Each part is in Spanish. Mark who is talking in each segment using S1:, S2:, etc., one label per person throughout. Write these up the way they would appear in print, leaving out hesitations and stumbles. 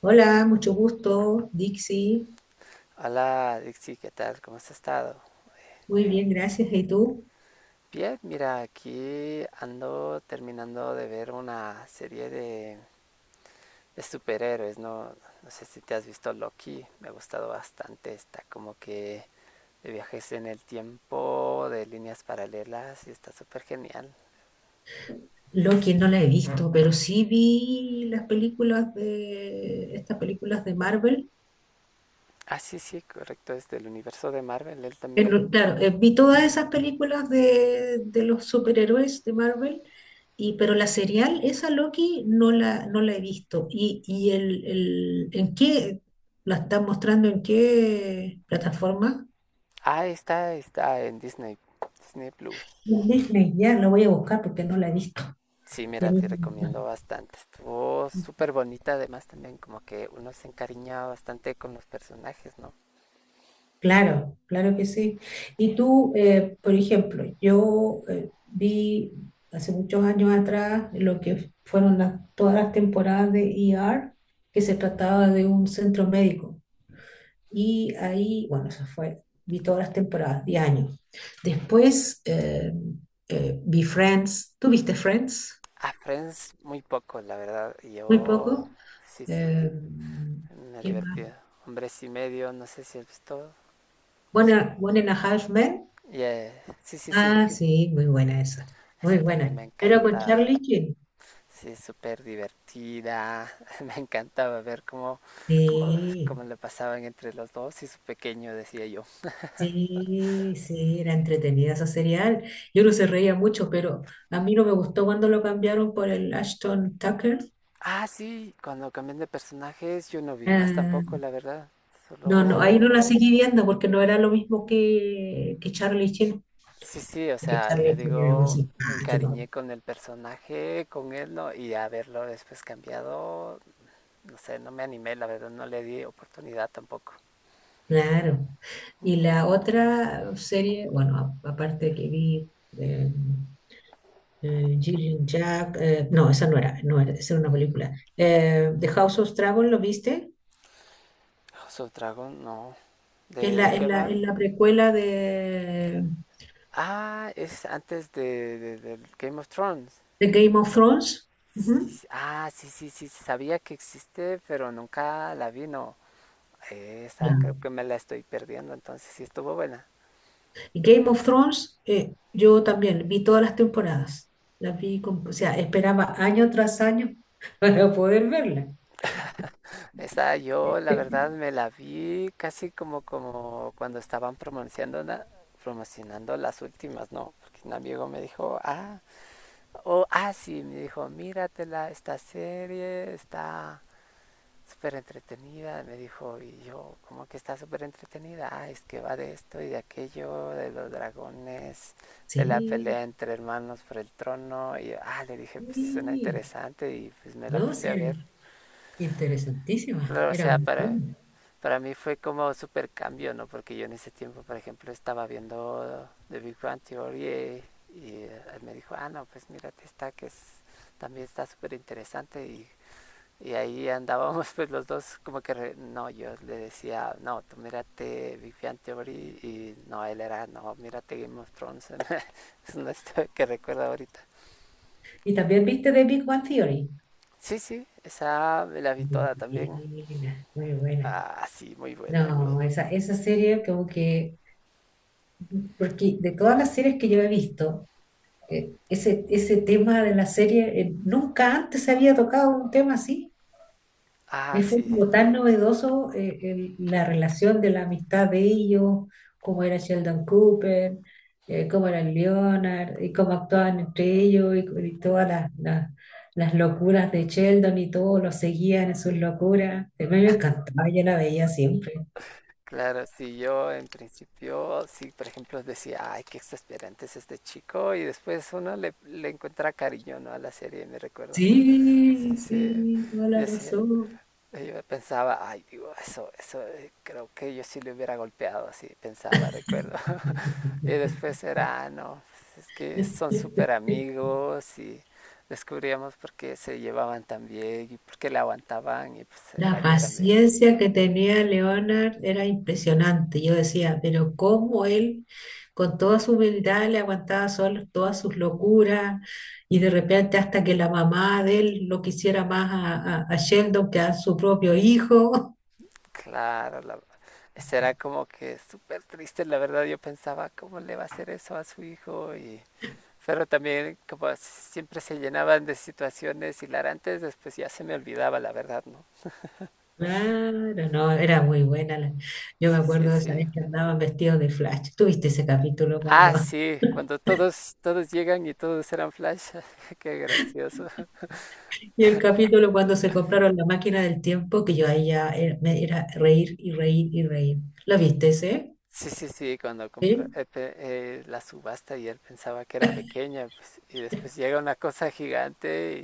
S1: Hola, mucho gusto, Dixie.
S2: Hola Dixie, ¿qué tal? ¿Cómo has estado?
S1: Muy bien, gracias. ¿Y tú?
S2: Bien, mira, aquí ando terminando de ver una serie de superhéroes, ¿no? No sé si te has visto Loki, me ha gustado bastante, está como que de viajes en el tiempo, de líneas paralelas y está súper genial.
S1: Loki no la he visto, pero sí vi las películas de estas películas de Marvel.
S2: Ah, sí, sí, correcto, es del universo de Marvel, él también.
S1: No, Claro, vi todas esas películas de los superhéroes de Marvel, y, pero la serial, esa Loki, no la he visto. ¿Y en qué la están mostrando? ¿En qué plataforma?
S2: Ah, está en Disney, Disney Plus.
S1: En Disney, ya la voy a buscar porque no la he visto.
S2: Sí,
S1: Ya
S2: mira, te
S1: mismo.
S2: recomiendo bastante. Estuvo súper bonita, además también como que uno se encariñaba bastante con los personajes, ¿no?
S1: Claro, claro que sí. Y tú, por ejemplo, yo vi hace muchos años atrás lo que fueron todas las temporadas de ER, que se trataba de un centro médico. Y ahí, bueno, eso fue, vi todas las temporadas, 10 años. Después vi Friends. ¿Tú viste Friends?
S2: A Friends muy poco, la verdad.
S1: Muy
S2: Yo,
S1: poco.
S2: sí, sí,
S1: Eh,
S2: me ha
S1: ¿Quién más?
S2: divertido. Hombres y medio, no sé si has visto.
S1: One,
S2: Son-
S1: One and a Half Men.
S2: Yeah, sí, sí, sí.
S1: Ah, sí, muy buena esa. Muy
S2: Esa también
S1: buena.
S2: me ha
S1: Pero con
S2: encantado.
S1: Charlie Sheen.
S2: Sí, es súper divertida. Me encantaba ver cómo, cómo
S1: Sí,
S2: le pasaban entre los dos y su pequeño, decía yo.
S1: sí, sí, era entretenida esa serial. Yo no se reía mucho, pero a mí no me gustó cuando lo cambiaron por el Ashton Tucker.
S2: Ah, sí, cuando cambian de personajes yo no vi más
S1: Ah,
S2: tampoco, la verdad.
S1: no, no, ahí
S2: Solo...
S1: no la seguí viendo porque no era lo mismo que Charlie Sheen.
S2: Sí, sí, o
S1: Porque
S2: sea,
S1: Charlie
S2: yo
S1: Sheen era muy
S2: digo, me
S1: simpático.
S2: encariñé con el personaje, con él, ¿no? Y a verlo después cambiado, no sé, no me animé, la verdad, no le di oportunidad tampoco.
S1: Claro. Y la otra serie, bueno, aparte que vi. eh, Jill Jack, no, esa no era, no era, esa era una película. The House of Dragon, ¿lo viste?
S2: House of Dragon, no.
S1: Que es
S2: ¿De
S1: la, es
S2: qué
S1: la,
S2: va?
S1: Es la precuela
S2: Ah, es antes del Game of Thrones.
S1: de Game of Thrones.
S2: Sí,
S1: Ujú.
S2: ah, sí, sí, sí, sabía que existe, pero nunca la vi, ¿no? Esa
S1: Ya.
S2: creo que me la estoy perdiendo, entonces sí estuvo buena.
S1: Y Game of Thrones, yo también vi todas las temporadas. Las vi, o sea, esperaba año tras año para poder verla.
S2: Esa yo la verdad me la vi casi como, como cuando estaban promocionando, promocionando las últimas, ¿no? Porque un amigo me dijo, ah, o ah, sí, me dijo, míratela, esta serie está súper entretenida, me dijo, y yo, como que está súper entretenida, ah, es que va de esto y de aquello, de los dragones, de la
S1: Sí,
S2: pelea entre hermanos por el trono, y yo, ah, le dije, pues suena
S1: sí,
S2: interesante, y pues me la
S1: no,
S2: puse a
S1: sí, era
S2: ver.
S1: interesantísima,
S2: Claro, o
S1: era
S2: sea,
S1: muy buena.
S2: para mí fue como súper cambio, ¿no? Porque yo en ese tiempo, por ejemplo, estaba viendo The Big Bang Theory, y él me dijo, ah, no, pues mírate esta que es, también está súper interesante, y ahí andábamos pues los dos como que, no, yo le decía, no, tú mírate Big Bang Theory y no, él era, no, mírate Game of Thrones. Es una historia que recuerdo ahorita.
S1: Y también viste The Big Bang Theory.
S2: Sí, sí, esa me la vi
S1: Muy
S2: toda también.
S1: buena, muy buena.
S2: Ah, sí, muy buena, muy...
S1: No, esa serie como que, porque de todas las series que yo he visto, ese tema de la serie, nunca antes se había tocado un tema así.
S2: Ah,
S1: Fue
S2: sí,
S1: como tan novedoso, la relación de la amistad de ellos, cómo era Sheldon Cooper, cómo era Leonard, y cómo actuaban entre ellos, y todas las locuras de Sheldon y todo, lo seguían en sus locuras. A mí me encantaba, yo la veía siempre.
S2: claro, sí, yo en principio, sí, por ejemplo, decía, ay, qué exasperante es este chico, y después uno le encuentra cariño, ¿no? A la serie, me recuerdo. Sí,
S1: Sí,
S2: sí,
S1: sí, toda la
S2: decía,
S1: razón.
S2: yo pensaba, ay, digo, eso, creo que yo sí le hubiera golpeado, así pensaba, recuerdo. Y después era, "Ah, no, pues es que son súper amigos y descubríamos por qué se llevaban tan bien y por qué le aguantaban y pues
S1: La
S2: era yo también".
S1: paciencia que tenía Leonard era impresionante. Yo decía, pero cómo él, con toda su humildad, le aguantaba solo todas sus locuras y de repente hasta que la mamá de él lo quisiera más a Sheldon que a su propio hijo.
S2: Claro, la, eso era como que súper triste, la verdad yo pensaba, ¿cómo le va a hacer eso a su hijo? Y, pero también como siempre se llenaban de situaciones hilarantes, después ya se me olvidaba, la verdad, ¿no?
S1: Claro, no, era muy buena. Yo me
S2: Sí, sí,
S1: acuerdo de esa
S2: sí.
S1: vez que andaban vestidos de Flash. ¿Tuviste ese capítulo cuando
S2: Ah, sí, cuando todos, todos llegan y todos eran Flash. Qué gracioso.
S1: y el capítulo cuando se compraron la máquina del tiempo, que yo ahí ya era, me era reír y reír y reír. ¿La viste ese?
S2: Sí, sí, sí, cuando compró
S1: ¿Sí?
S2: la subasta y él pensaba que era pequeña, pues, y después llega una cosa gigante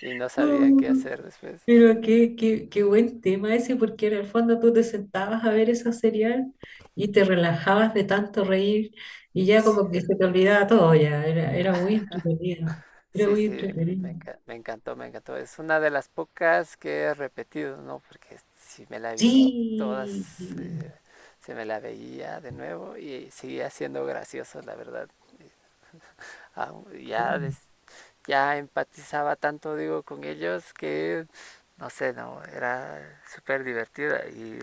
S2: y no sabían qué
S1: Mm,
S2: hacer después.
S1: pero qué buen tema ese, porque en el fondo tú te sentabas a ver esa serial y te relajabas de tanto reír y ya
S2: Sí,
S1: como que se te olvidaba todo ya. Era muy entretenido. Era
S2: sí,
S1: muy
S2: sí,
S1: entretenido.
S2: me encantó, me encantó. Es una de las pocas que he repetido, ¿no? Porque si me la he visto
S1: Sí,
S2: todas,
S1: sí,
S2: se me la veía de nuevo y seguía siendo gracioso, la verdad. Ah, ya,
S1: claro,
S2: ya empatizaba tanto, digo, con ellos que, no sé, no, era súper divertida.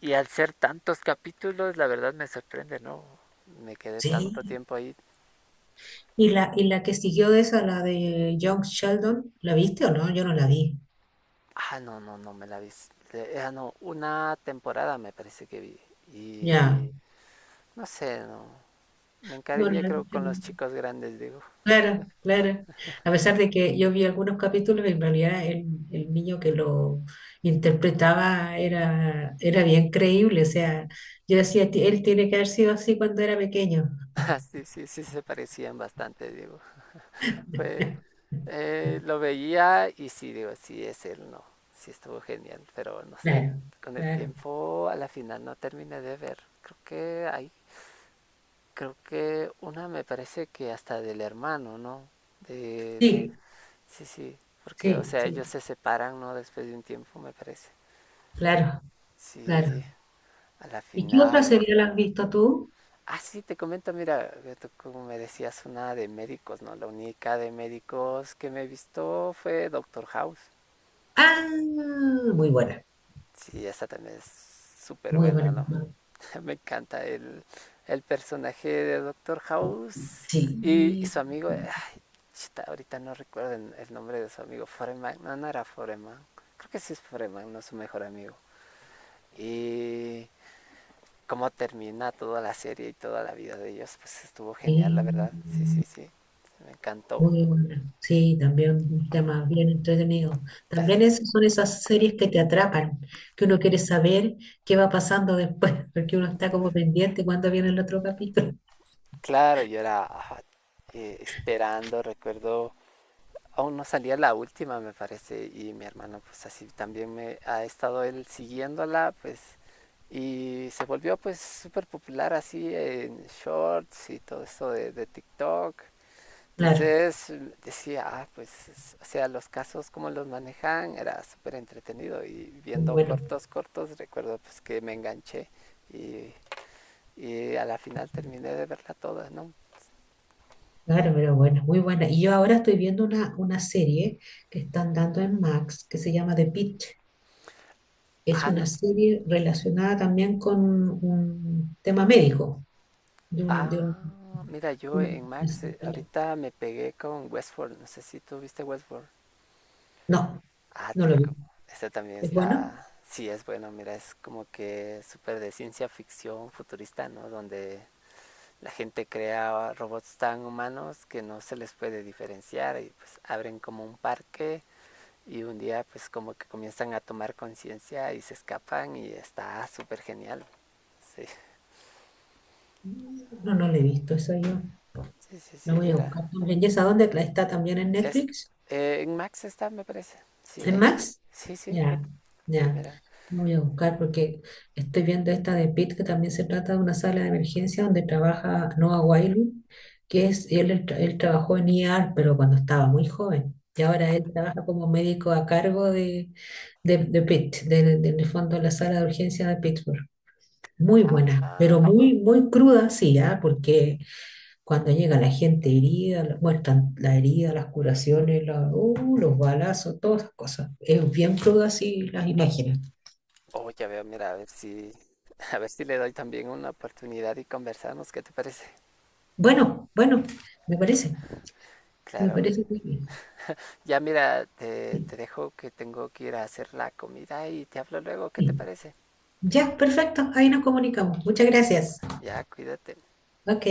S2: Y al ser tantos capítulos, la verdad me sorprende, ¿no? Me quedé tanto
S1: sí.
S2: tiempo ahí.
S1: Y la que siguió de esa, la de Young Sheldon, la viste o no? Yo no la vi.
S2: Ah, no, no, no me la vi. Ah, no, una temporada me parece que vi. Y
S1: Ya,
S2: no sé, no. Me encariñé
S1: bueno,
S2: creo con los
S1: no.
S2: chicos grandes, digo.
S1: Claro, claro. A pesar de que yo vi algunos capítulos, en realidad el niño que lo interpretaba era bien creíble. O sea, yo decía, él tiene que haber sido así cuando era pequeño.
S2: Sí, sí, sí se parecían bastante, digo. Fue, Lo veía y sí, digo, sí es él, no. Sí estuvo genial, pero no sé,
S1: Claro,
S2: con el
S1: claro.
S2: tiempo a la final no terminé de ver. Creo que hay, creo que una me parece que hasta del hermano, ¿no? De,
S1: Sí,
S2: sí, sí, porque, o
S1: sí,
S2: sea, ellos
S1: sí,
S2: se separan, ¿no? Después de un tiempo, me parece.
S1: claro, claro.
S2: Sí, a la
S1: ¿Y qué otra
S2: final.
S1: serie la has visto tú?
S2: Ah, sí, te comento, mira, tú como me decías, una de médicos, ¿no? La única de médicos que me he visto fue Doctor House.
S1: Ah, muy buena,
S2: Sí, esta también es súper
S1: muy
S2: buena,
S1: buena.
S2: ¿no? Me encanta el personaje de Doctor House y
S1: Sí,
S2: su amigo. Ay, chuta, ahorita no recuerdo el nombre de su amigo. Foreman, no, no era Foreman. Creo que sí es Foreman, no su mejor amigo. Y cómo termina toda la serie y toda la vida de ellos, pues estuvo genial,
S1: sí.
S2: la verdad. Sí, sí, sí. Me encantó.
S1: Muy buena. Sí, también un tema bien entretenido.
S2: Es-
S1: También esas son esas series que te atrapan, que uno quiere saber qué va pasando después, porque uno está como pendiente cuando viene el otro capítulo.
S2: Claro, yo era ajá, esperando, recuerdo. Aún no salía la última, me parece, y mi hermano pues así también me ha estado él siguiéndola, pues, y se volvió pues súper popular así en shorts y todo eso de TikTok.
S1: Claro,
S2: Entonces decía, ah, pues, o sea, los casos como los manejan era súper entretenido y
S1: muy
S2: viendo
S1: bueno.
S2: cortos, cortos, recuerdo pues que me enganché y, y a la final terminé de verla toda, ¿no?
S1: Claro, pero bueno, muy buena. Y yo ahora estoy viendo una serie que están dando en Max que se llama The Pitt. Es
S2: Ah, no,
S1: una serie relacionada también con un tema médico. De un, de un-
S2: ah, mira, yo en
S1: un-
S2: Max
S1: una-
S2: ahorita me pegué con Westworld. No sé si tú viste Westworld.
S1: No,
S2: Ah,
S1: no
S2: te
S1: lo vi.
S2: reco- Esta también
S1: ¿Es bueno?
S2: está. Sí, es bueno. Mira, es como que súper de ciencia ficción futurista, ¿no? Donde la gente crea robots tan humanos que no se les puede diferenciar y pues abren como un parque y un día pues como que comienzan a tomar conciencia y se escapan y está súper genial. Sí,
S1: No, no lo he visto. Eso yo
S2: sí, sí, sí,
S1: lo voy a
S2: mira.
S1: buscar también. ¿Y esa dónde? ¿La ¿Está también en
S2: Es,
S1: Netflix?
S2: en Max está, me parece. Sí,
S1: ¿En
S2: ahí,
S1: Max?
S2: sí, sí,
S1: Ya,
S2: sí,
S1: ya.
S2: mira.
S1: Lo voy a buscar porque estoy viendo esta de Pitt, que también se trata de una sala de emergencia donde trabaja Noah Wyle, que es, él trabajó en ER, pero cuando estaba muy joven. Y ahora él trabaja como médico a cargo de Pitt, en el fondo de la sala de urgencia de Pittsburgh. Muy buena,
S2: Ah,
S1: pero muy, muy cruda, sí, ¿ah? Porque cuando llega la gente herida, muestran la herida, las curaciones, los balazos, todas esas cosas. Es bien crudo así las imágenes.
S2: oh, ya veo, mira, a ver si, a ver si le doy también una oportunidad y conversamos, ¿qué te parece?
S1: Bueno, bueno, me parece, me
S2: Claro.
S1: parece muy bien.
S2: Ya mira, te,
S1: Sí,
S2: te dejo que tengo que ir a hacer la comida y te hablo luego, ¿qué te
S1: sí.
S2: parece?
S1: Ya, perfecto, ahí nos comunicamos. Muchas gracias.
S2: Ya, cuídate.
S1: Ok.